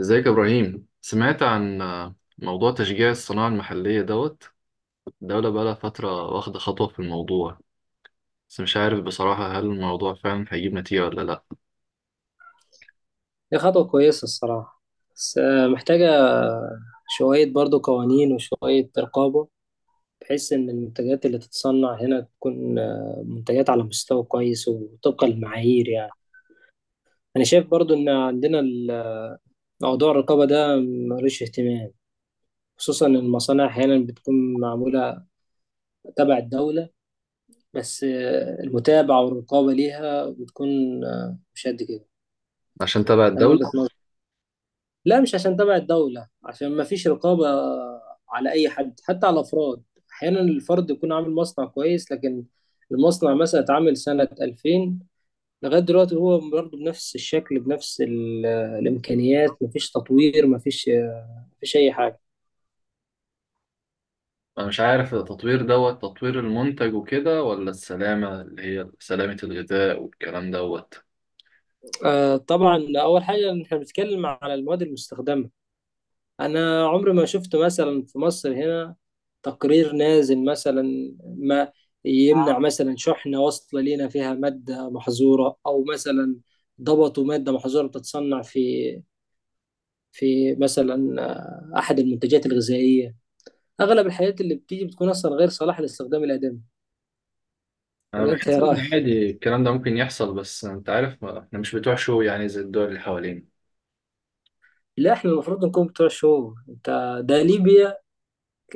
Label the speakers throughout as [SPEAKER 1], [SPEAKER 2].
[SPEAKER 1] ازيك يا ابراهيم؟ سمعت عن موضوع تشجيع الصناعة المحلية دوت. الدولة بقالها فترة واخدة خطوة في الموضوع. بس مش عارف بصراحة، هل الموضوع فعلا هيجيب نتيجة ولا لأ؟
[SPEAKER 2] هي خطوة كويسة الصراحة، بس محتاجة شوية برضو قوانين وشوية رقابة. بحيث إن المنتجات اللي تتصنع هنا تكون منتجات على مستوى كويس وطبقا للمعايير يعني. أنا شايف برضو إن عندنا موضوع الرقابة ده ملوش اهتمام، خصوصا إن المصانع أحيانا بتكون معمولة تبع الدولة، بس المتابعة والرقابة ليها بتكون مش قد كده.
[SPEAKER 1] عشان تبع
[SPEAKER 2] ده من وجهة
[SPEAKER 1] الدولة.
[SPEAKER 2] نظري. لا، مش عشان تبع الدولة، عشان ما فيش رقابة على أي حد، حتى على الأفراد. أحيانا الفرد يكون عامل مصنع كويس، لكن المصنع مثلا اتعمل سنة 2000، لغاية دلوقتي هو برضه بنفس الشكل، بنفس الإمكانيات، مفيش تطوير، مفيش أي حاجة.
[SPEAKER 1] أنا مش عارف التطوير دوت، تطوير المنتج وكده ولا السلامة اللي هي سلامة الغذاء والكلام دوت.
[SPEAKER 2] طبعا، أول حاجة إن إحنا بنتكلم على المواد المستخدمة. انا عمري ما شفت مثلا في مصر هنا تقرير نازل مثلا ما يمنع مثلا شحنة واصلة لينا فيها مادة محظورة، او مثلا ضبطوا مادة محظورة بتتصنع في مثلا احد المنتجات الغذائية. اغلب الحاجات اللي بتيجي بتكون اصلا غير صالحة للاستخدام الآدمي.
[SPEAKER 1] أنا
[SPEAKER 2] ولا انت
[SPEAKER 1] بحس
[SPEAKER 2] يا
[SPEAKER 1] إن
[SPEAKER 2] راي؟
[SPEAKER 1] عادي الكلام ده ممكن يحصل، بس أنت عارف، إحنا مش بتوع شو يعني، زي الدول اللي حوالينا.
[SPEAKER 2] لا، احنا المفروض نكون بتوع الشهور. انت، ده ليبيا.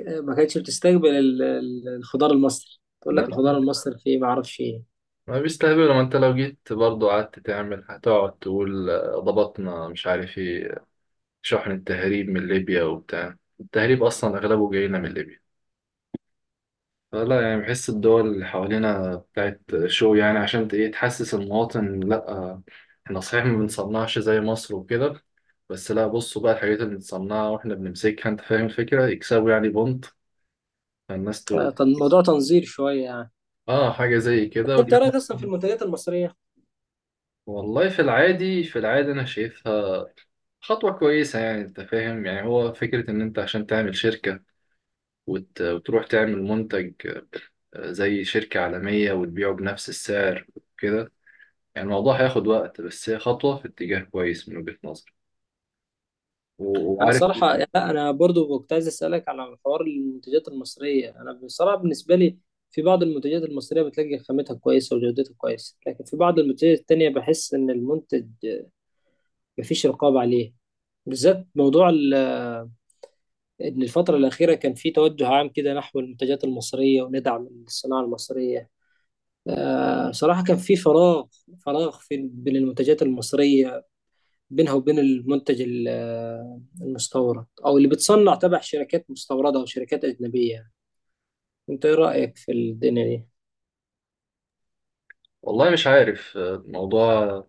[SPEAKER 2] ما كانتش بتستقبل الخضار المصري، تقول
[SPEAKER 1] لا،
[SPEAKER 2] لك الخضار المصري فيه ما اعرفش ايه.
[SPEAKER 1] ما بيستهبلوا. ما انت لو جيت برضو قعدت تعمل هتقعد تقول ضبطنا مش عارف ايه. شحن التهريب من ليبيا وبتاع، التهريب اصلا اغلبه جاينا من ليبيا. فلا يعني، بحس الدول اللي حوالينا بتاعت شو يعني، عشان ايه، تحسس المواطن لا. احنا صحيح ما بنصنعش زي مصر وكده. بس لا، بصوا بقى الحاجات اللي بنصنعها واحنا بنمسكها، انت فاهم الفكرة، يكسبوا يعني بونت. فالناس تقول
[SPEAKER 2] طب الموضوع تنظير شوية يعني.
[SPEAKER 1] اه حاجة زي
[SPEAKER 2] بس
[SPEAKER 1] كده
[SPEAKER 2] انت رايك اصلا في المنتجات المصريه؟
[SPEAKER 1] والله في العادي في العادي انا شايفها خطوة كويسة. يعني أنت فاهم، يعني هو فكرة إن أنت عشان تعمل شركة وتروح تعمل منتج، زي شركة عالمية وتبيعه بنفس السعر وكده. يعني الموضوع هياخد وقت، بس هي خطوة في اتجاه كويس من وجهة نظري.
[SPEAKER 2] انا
[SPEAKER 1] وعارف.
[SPEAKER 2] صراحه يعني، لا انا برضو كنت عايز اسالك على حوار المنتجات المصريه. انا بصراحه بالنسبه لي، في بعض المنتجات المصريه بتلاقي خامتها كويسه وجودتها كويسه، لكن في بعض المنتجات التانية بحس ان المنتج مفيش رقابه عليه. بالذات موضوع ان الفتره الاخيره كان في توجه عام كده نحو المنتجات المصريه وندعم الصناعه المصريه. صراحه كان في فراغ، فراغ في بين المنتجات المصريه، بينها وبين المنتج المستورد او اللي بتصنع تبع شركات مستورده او شركات اجنبيه يعني. انت ايه رايك في الدنيا دي؟
[SPEAKER 1] والله مش عارف، الموضوع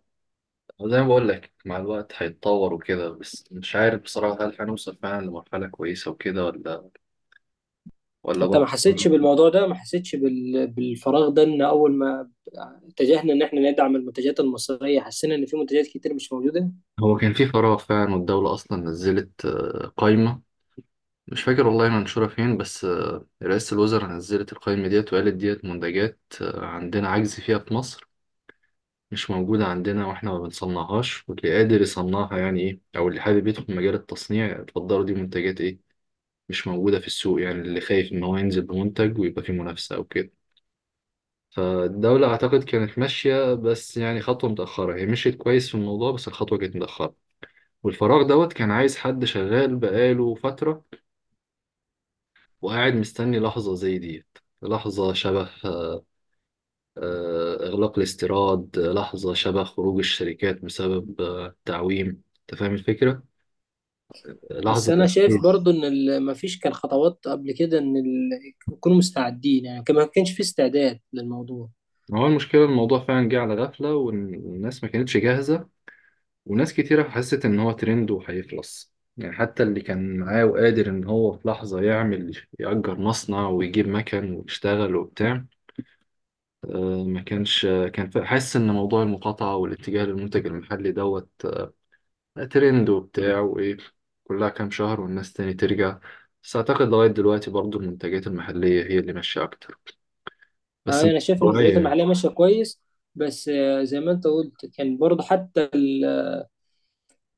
[SPEAKER 1] زي ما بقول لك، مع الوقت هيتطور وكده. بس مش عارف بصراحة، هل هنوصل فعلا لمرحلة كويسة وكده، ولا
[SPEAKER 2] انت ما
[SPEAKER 1] برضه؟
[SPEAKER 2] حسيتش بالموضوع ده، ما حسيتش بالفراغ ده، ان اول ما اتجهنا ان احنا ندعم المنتجات المصريه حسينا ان في منتجات كتير مش موجوده.
[SPEAKER 1] هو كان في فراغ فعلا، والدولة أصلا نزلت قائمة. مش فاكر والله منشورة فين، بس رئاسة الوزراء نزلت القائمة ديت وقالت، ديت منتجات عندنا عجز فيها في مصر، مش موجودة عندنا، واحنا ما بنصنعهاش، واللي قادر يصنعها يعني ايه، او اللي حابب يدخل مجال التصنيع اتفضلوا. دي منتجات ايه مش موجودة في السوق، يعني اللي خايف ان هو ينزل بمنتج ويبقى فيه منافسة او كده. فالدولة اعتقد كانت ماشية، بس يعني خطوة متأخرة. هي مشيت كويس في الموضوع، بس الخطوة كانت متأخرة. والفراغ دوت كان عايز حد شغال بقاله فترة وقاعد مستني لحظة زي دي. لحظة شبه إغلاق الاستيراد، لحظة شبه خروج الشركات بسبب تعويم. أنت فاهم الفكرة؟
[SPEAKER 2] بس
[SPEAKER 1] لحظة
[SPEAKER 2] انا شايف
[SPEAKER 1] تأكيد.
[SPEAKER 2] برضو ان ما فيش كان خطوات قبل كده ان يكونوا مستعدين يعني، ما كانش في استعداد للموضوع.
[SPEAKER 1] هو المشكلة، الموضوع فعلا جه على غفلة والناس ما كانتش جاهزة. وناس كتيرة حست إن هو ترند وهيخلص، يعني حتى اللي كان معاه وقادر إن هو في لحظة يعمل يأجر مصنع ويجيب مكن ويشتغل وبتاع، ما كانش كان حاسس إن موضوع المقاطعة والاتجاه للمنتج المحلي دوت، ترند وبتاع وإيه، كلها كام شهر والناس تاني ترجع. بس أعتقد لغاية دلوقتي برضو المنتجات المحلية هي اللي ماشية أكتر، بس مش
[SPEAKER 2] انا شايف ان
[SPEAKER 1] طبيعية
[SPEAKER 2] المنتجات
[SPEAKER 1] يعني.
[SPEAKER 2] المحليه ماشيه كويس. بس زي ما انت قلت، كان برضو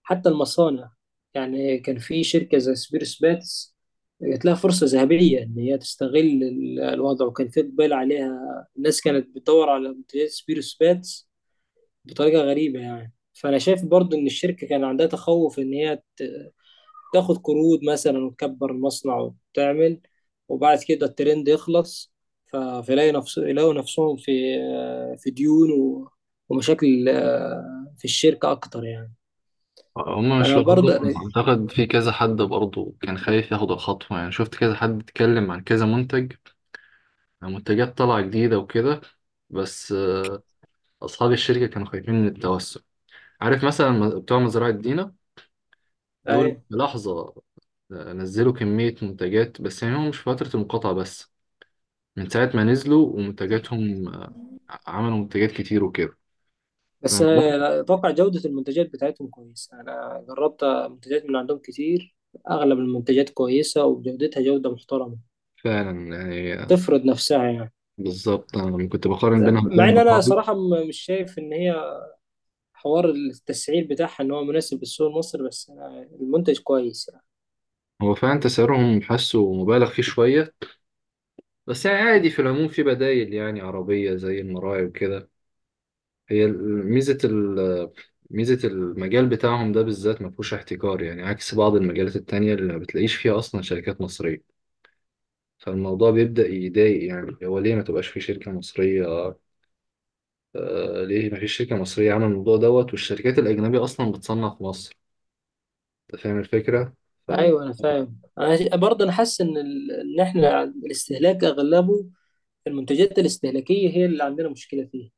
[SPEAKER 2] حتى المصانع. يعني كان في شركة زي سبيرس باتس، جات لها فرصة ذهبية إن هي تستغل الوضع، وكان في إقبال عليها. الناس كانت بتدور على منتجات سبيرس باتس بطريقة غريبة يعني. فأنا شايف برضو إن الشركة كان عندها تخوف إن هي تاخد قروض مثلا وتكبر المصنع وتعمل، وبعد كده الترند يخلص، فيلاقي نفس يلاقوا نفسهم في ديون ومشاكل في الشركة أكتر يعني.
[SPEAKER 1] هما مش
[SPEAKER 2] فأنا
[SPEAKER 1] لوحدهم،
[SPEAKER 2] برضه
[SPEAKER 1] أعتقد في كذا حد برضو كان خايف ياخد الخطوة. يعني شفت كذا حد اتكلم عن كذا منتج، منتجات طالعة جديدة وكده. بس أصحاب الشركة كانوا خايفين من التوسع. عارف مثلا بتوع مزرعة دينا، دول في لحظة نزلوا كمية منتجات، بس يعني هم مش في فترة المقاطعة بس. من ساعة ما نزلوا ومنتجاتهم عملوا منتجات كتير وكده.
[SPEAKER 2] بس
[SPEAKER 1] أنا بدأت
[SPEAKER 2] اتوقع جودة المنتجات بتاعتهم كويسة، انا جربت منتجات من عندهم كتير. اغلب المنتجات كويسة، وجودتها جودة محترمة
[SPEAKER 1] فعلا يعني
[SPEAKER 2] تفرض نفسها يعني.
[SPEAKER 1] بالظبط. أنا لما كنت بقارن بينهم وبين
[SPEAKER 2] مع ان انا
[SPEAKER 1] المطاعم،
[SPEAKER 2] صراحة مش شايف ان هي حوار التسعير بتاعها ان هو مناسب للسوق المصري، بس أنا المنتج كويس يعني.
[SPEAKER 1] هو فعلا تسعيرهم حاسه مبالغ فيه شوية، بس يعني عادي. في العموم في بدايل يعني عربية زي المراعي وكده. هي ال- ميزة ال ميزة المجال بتاعهم ده بالذات ما فيهوش احتكار، يعني عكس بعض المجالات التانية اللي ما بتلاقيش فيها أصلا شركات مصرية. فالموضوع بيبدأ يضايق، يعني هو ليه ما تبقاش في شركة مصرية؟ ليه مفيش شركة مصرية عاملة الموضوع دوت، والشركات الأجنبية أصلا بتصنع في مصر؟ أنت فاهم الفكرة؟ فم...
[SPEAKER 2] ايوه، انا فاهم. انا برضه انا حاسس ان ان احنا الاستهلاك اغلبه المنتجات الاستهلاكية هي اللي عندنا مشكلة فيها،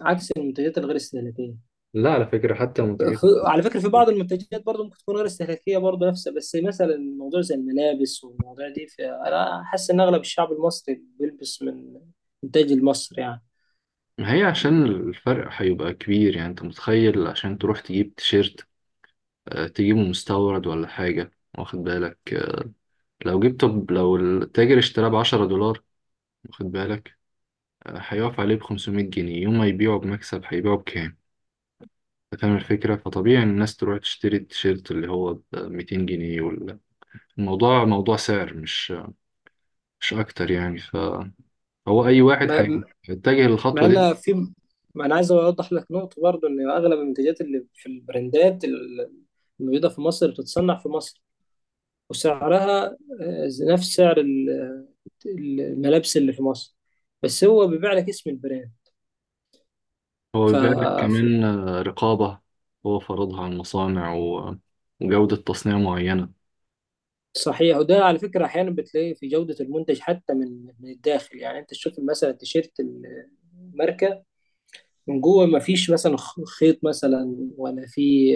[SPEAKER 2] عكس المنتجات الغير استهلاكية.
[SPEAKER 1] لا، على فكرة حتى منتجات مصرية.
[SPEAKER 2] على فكرة في بعض المنتجات برضه ممكن تكون غير استهلاكية برضه نفسها، بس مثلا موضوع زي الملابس والمواضيع دي، فأنا حاسس إن أغلب الشعب المصري بيلبس من إنتاج المصري يعني.
[SPEAKER 1] ما هي عشان الفرق هيبقى كبير، يعني أنت متخيل عشان تروح تجيب تيشيرت تجيبه مستورد ولا حاجة؟ واخد بالك، لو جبت، طب لو التاجر اشتراه ب10 دولار، واخد بالك، هيقف عليه ب500 جنيه، يوم ما يبيعه بمكسب هيبيعه بكام؟ أنت فاهم الفكرة؟ فطبيعي إن الناس تروح تشتري التيشيرت اللي هو ب200 جنيه. الموضوع موضوع سعر، مش اكتر يعني، فهو اي واحد
[SPEAKER 2] ما-
[SPEAKER 1] هيتجه
[SPEAKER 2] مع
[SPEAKER 1] للخطوه دي.
[SPEAKER 2] إن في ما أنا عايز أوضح لك نقطة برضه، إن أغلب المنتجات اللي في البراندات الموجودة في مصر بتتصنع في مصر، وسعرها نفس سعر الملابس اللي في مصر، بس هو بيبيع لك اسم البراند.
[SPEAKER 1] هو بيبقى
[SPEAKER 2] ف...
[SPEAKER 1] كمان رقابه، هو فرضها على المصانع، وجوده تصنيع معينه.
[SPEAKER 2] صحيح، وده على فكرة أحيانا بتلاقي في جودة المنتج حتى من الداخل يعني. أنت تشوف مثلا تيشيرت الماركة من جوه، ما فيش مثلا خيط مثلا، ولا في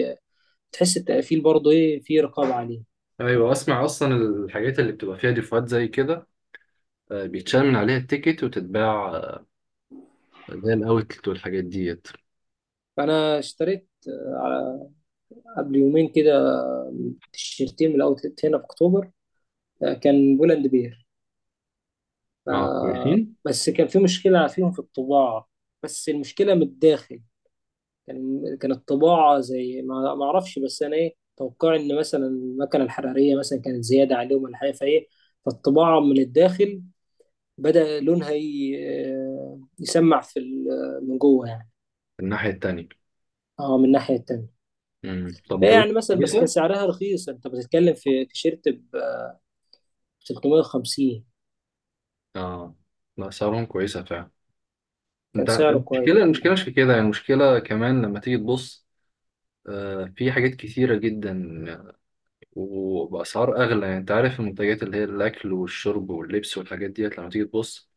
[SPEAKER 2] تحس التقفيل برضه إيه، في رقابة عليه.
[SPEAKER 1] ايوه، اسمع، اصلا الحاجات اللي بتبقى فيها ديفوهات زي كده بيتشال من عليها التيكت وتتباع، زي الاوتلت والحاجات ديت.
[SPEAKER 2] فأنا اشتريت قبل يومين كده تيشيرتين من الأوتلت هنا في أكتوبر. كان بولاند بير.
[SPEAKER 1] اه
[SPEAKER 2] آه،
[SPEAKER 1] كويسين.
[SPEAKER 2] بس كان في مشكلة فيهم في الطباعة. بس المشكلة من الداخل، كان الطباعة زي ما أعرفش، بس أنا إيه توقعي إن مثلا المكنة الحرارية مثلا كانت زيادة عليهم ولا حاجة، فالطباعة من الداخل بدأ لونها يسمع من جوه يعني.
[SPEAKER 1] الناحيه التانيه.
[SPEAKER 2] أه، من الناحية التانية.
[SPEAKER 1] امم، طب
[SPEAKER 2] فهي يعني
[SPEAKER 1] جودتهم
[SPEAKER 2] مثلا، بس كان
[SPEAKER 1] كويسه؟
[SPEAKER 2] سعرها رخيص، أنت بتتكلم في تيشيرت ب 350.
[SPEAKER 1] اه. لا سعرهم كويسه فعلا.
[SPEAKER 2] كان
[SPEAKER 1] انت
[SPEAKER 2] سعره كويس.
[SPEAKER 1] المشكله، المشكله مش في كده يعني. المشكله كمان لما تيجي تبص في حاجات كتيرة جدا وبأسعار أغلى. يعني أنت عارف، المنتجات اللي هي الأكل والشرب واللبس والحاجات ديت لما تيجي تبص،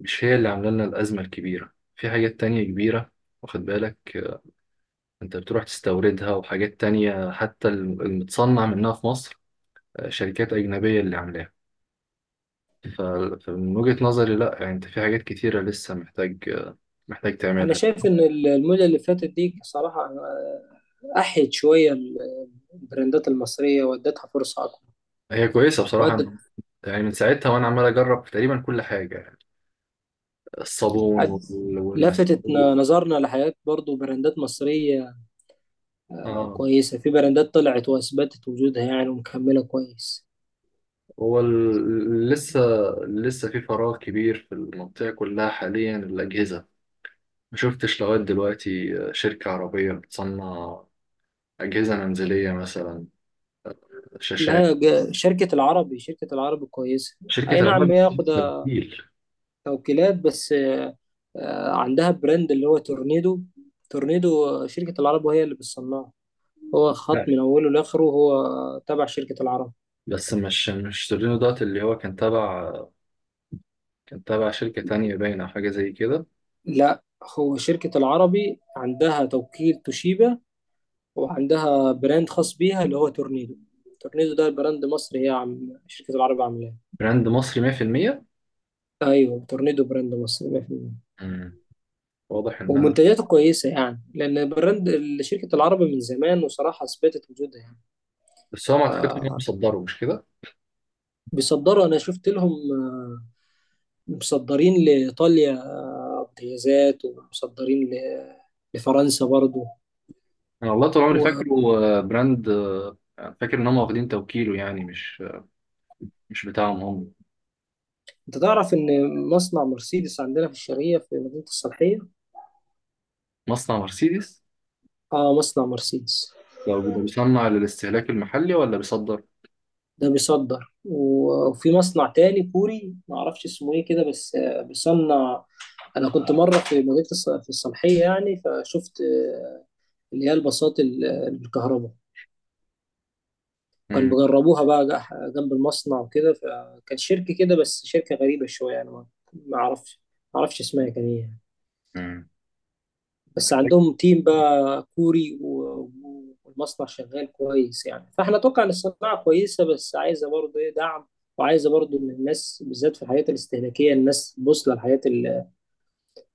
[SPEAKER 1] مش هي اللي عاملة لنا الأزمة الكبيرة. في حاجات تانية كبيرة، واخد بالك، أنت بتروح تستوردها، وحاجات تانية حتى المتصنع منها في مصر شركات أجنبية اللي عاملاها. ف- فمن وجهة نظري لأ، يعني أنت في حاجات كتيرة لسه محتاج محتاج
[SPEAKER 2] أنا
[SPEAKER 1] تعملها.
[SPEAKER 2] شايف إن المدة اللي فاتت دي صراحة أحيت شوية البراندات المصرية، وادتها فرصة أكبر.
[SPEAKER 1] هي كويسة بصراحة أنا.
[SPEAKER 2] وادت
[SPEAKER 1] يعني من ساعتها وأنا عمال أجرب تقريبا كل حاجة، الصابون
[SPEAKER 2] عد- لفتت
[SPEAKER 1] والمسحوق.
[SPEAKER 2] نظرنا لحاجات برضو، براندات مصرية
[SPEAKER 1] اه.
[SPEAKER 2] كويسة. في براندات طلعت وأثبتت وجودها يعني، ومكملة كويس.
[SPEAKER 1] هو لسه في فراغ كبير في المنطقة كلها حاليا، الأجهزة. ما شفتش لغاية دلوقتي شركة عربية بتصنع أجهزة منزلية مثلا، شاشات،
[SPEAKER 2] لا، شركة العربي شركة العربي كويسة.
[SPEAKER 1] شركة
[SPEAKER 2] أي نعم،
[SPEAKER 1] العاب،
[SPEAKER 2] هي
[SPEAKER 1] ده
[SPEAKER 2] واخدة
[SPEAKER 1] بتقيل.
[SPEAKER 2] توكيلات، بس عندها براند اللي هو تورنيدو. تورنيدو شركة العرب وهي اللي بتصنعه. هو خط
[SPEAKER 1] لا.
[SPEAKER 2] من أوله لآخره، هو تبع شركة العرب.
[SPEAKER 1] بس مش تورينو دوت، اللي هو كان تبع، كان تبع شركة تانية باينة أو حاجة زي كده.
[SPEAKER 2] لا، هو شركة العربي عندها توكيل توشيبا وعندها براند خاص بيها اللي هو تورنيدو. تورنيدو ده براند مصري، هي عم شركة العرب عاملاه.
[SPEAKER 1] براند مصري 100%.
[SPEAKER 2] ايوه، تورنيدو براند مصري 100%،
[SPEAKER 1] مم. واضح إن أنا.
[SPEAKER 2] ومنتجاته كويسة يعني، لان براند شركة العرب من زمان وصراحة اثبتت وجودها يعني.
[SPEAKER 1] بس هو ما أعتقدش إن هم مصدره، مش كده؟
[SPEAKER 2] فبيصدروا. انا شفت لهم مصدرين لايطاليا امتيازات، ومصدرين لفرنسا برضو.
[SPEAKER 1] أنا والله طول عمري
[SPEAKER 2] وانت
[SPEAKER 1] فاكره براند، فاكر إن هم واخدين توكيله، يعني مش بتاعهم هم.
[SPEAKER 2] تعرف ان مصنع مرسيدس عندنا في الشرقية في مدينة الصالحية؟
[SPEAKER 1] مصنع مرسيدس
[SPEAKER 2] اه، مصنع مرسيدس
[SPEAKER 1] لو بده بيصنع للاستهلاك المحلي ولا بيصدر؟
[SPEAKER 2] ده بيصدر. وفي مصنع تاني كوري ما اعرفش اسمه ايه كده، بس بيصنع. انا كنت مره في الصالحيه يعني، فشفت اللي هي الباصات بالكهرباء. كان
[SPEAKER 1] امم.
[SPEAKER 2] بيجربوها بقى جنب المصنع وكده، فكان شركه كده، بس شركه غريبه شويه يعني، ما اعرفش، ما اعرفش اسمها كان ايه.
[SPEAKER 1] امم.
[SPEAKER 2] بس عندهم تيم بقى كوري والمصنع شغال كويس يعني، فاحنا اتوقع ان الصناعه كويسه، بس عايزه برضه ايه دعم. وعايزه برضه ان الناس بالذات في الحاجات الاستهلاكيه، الناس تبص للحاجات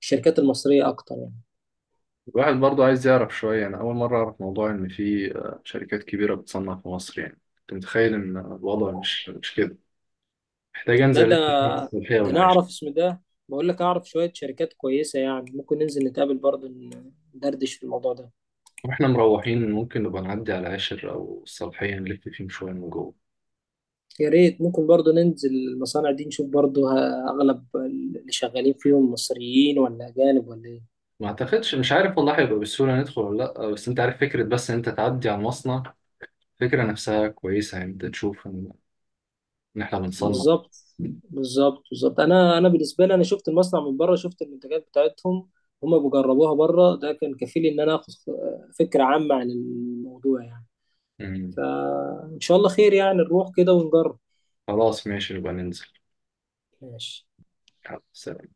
[SPEAKER 2] الشركات المصريه اكتر يعني.
[SPEAKER 1] الواحد برضو عايز يعرف شوية. أنا أول مرة أعرف موضوع إن في شركات كبيرة بتصنع في مصر. يعني كنت متخيل إن الوضع مش كده. محتاج
[SPEAKER 2] ده
[SPEAKER 1] أنزل
[SPEAKER 2] ده
[SPEAKER 1] ألف في الصالحية
[SPEAKER 2] ده انا
[SPEAKER 1] والعاشر.
[SPEAKER 2] اعرف اسم ده. بقول لك اعرف شويه شركات كويسه يعني، ممكن ننزل نتقابل برضه ندردش في الموضوع ده.
[SPEAKER 1] وإحنا مروحين ممكن نبقى نعدي على العاشر أو الصالحية، نلف فيهم شوية من جوه.
[SPEAKER 2] يا ريت، ممكن برضه ننزل المصانع دي نشوف برضه اغلب اللي شغالين فيهم مصريين ولا اجانب ولا ايه.
[SPEAKER 1] ما أعتقدش، مش عارف والله هيبقى بالسهولة ندخل ولا لأ. بس أنت عارف فكرة، بس إن أنت تعدي على المصنع، الفكرة نفسها كويسة يعني. أنت تشوف إن إحنا بنصنع.
[SPEAKER 2] بالظبط، بالظبط، بالظبط. انا بالنسبه لي، انا شفت المصنع من بره، شفت المنتجات بتاعتهم، هما بيجربوها بره، ده كان كفيل ان انا اخد فكره عامه عن الموضوع يعني.
[SPEAKER 1] مم.
[SPEAKER 2] فان شاء الله خير يعني، نروح كده ونجرب.
[SPEAKER 1] خلاص، ماشي، نبقى ننزل.
[SPEAKER 2] ماشي.
[SPEAKER 1] يلا، سلام.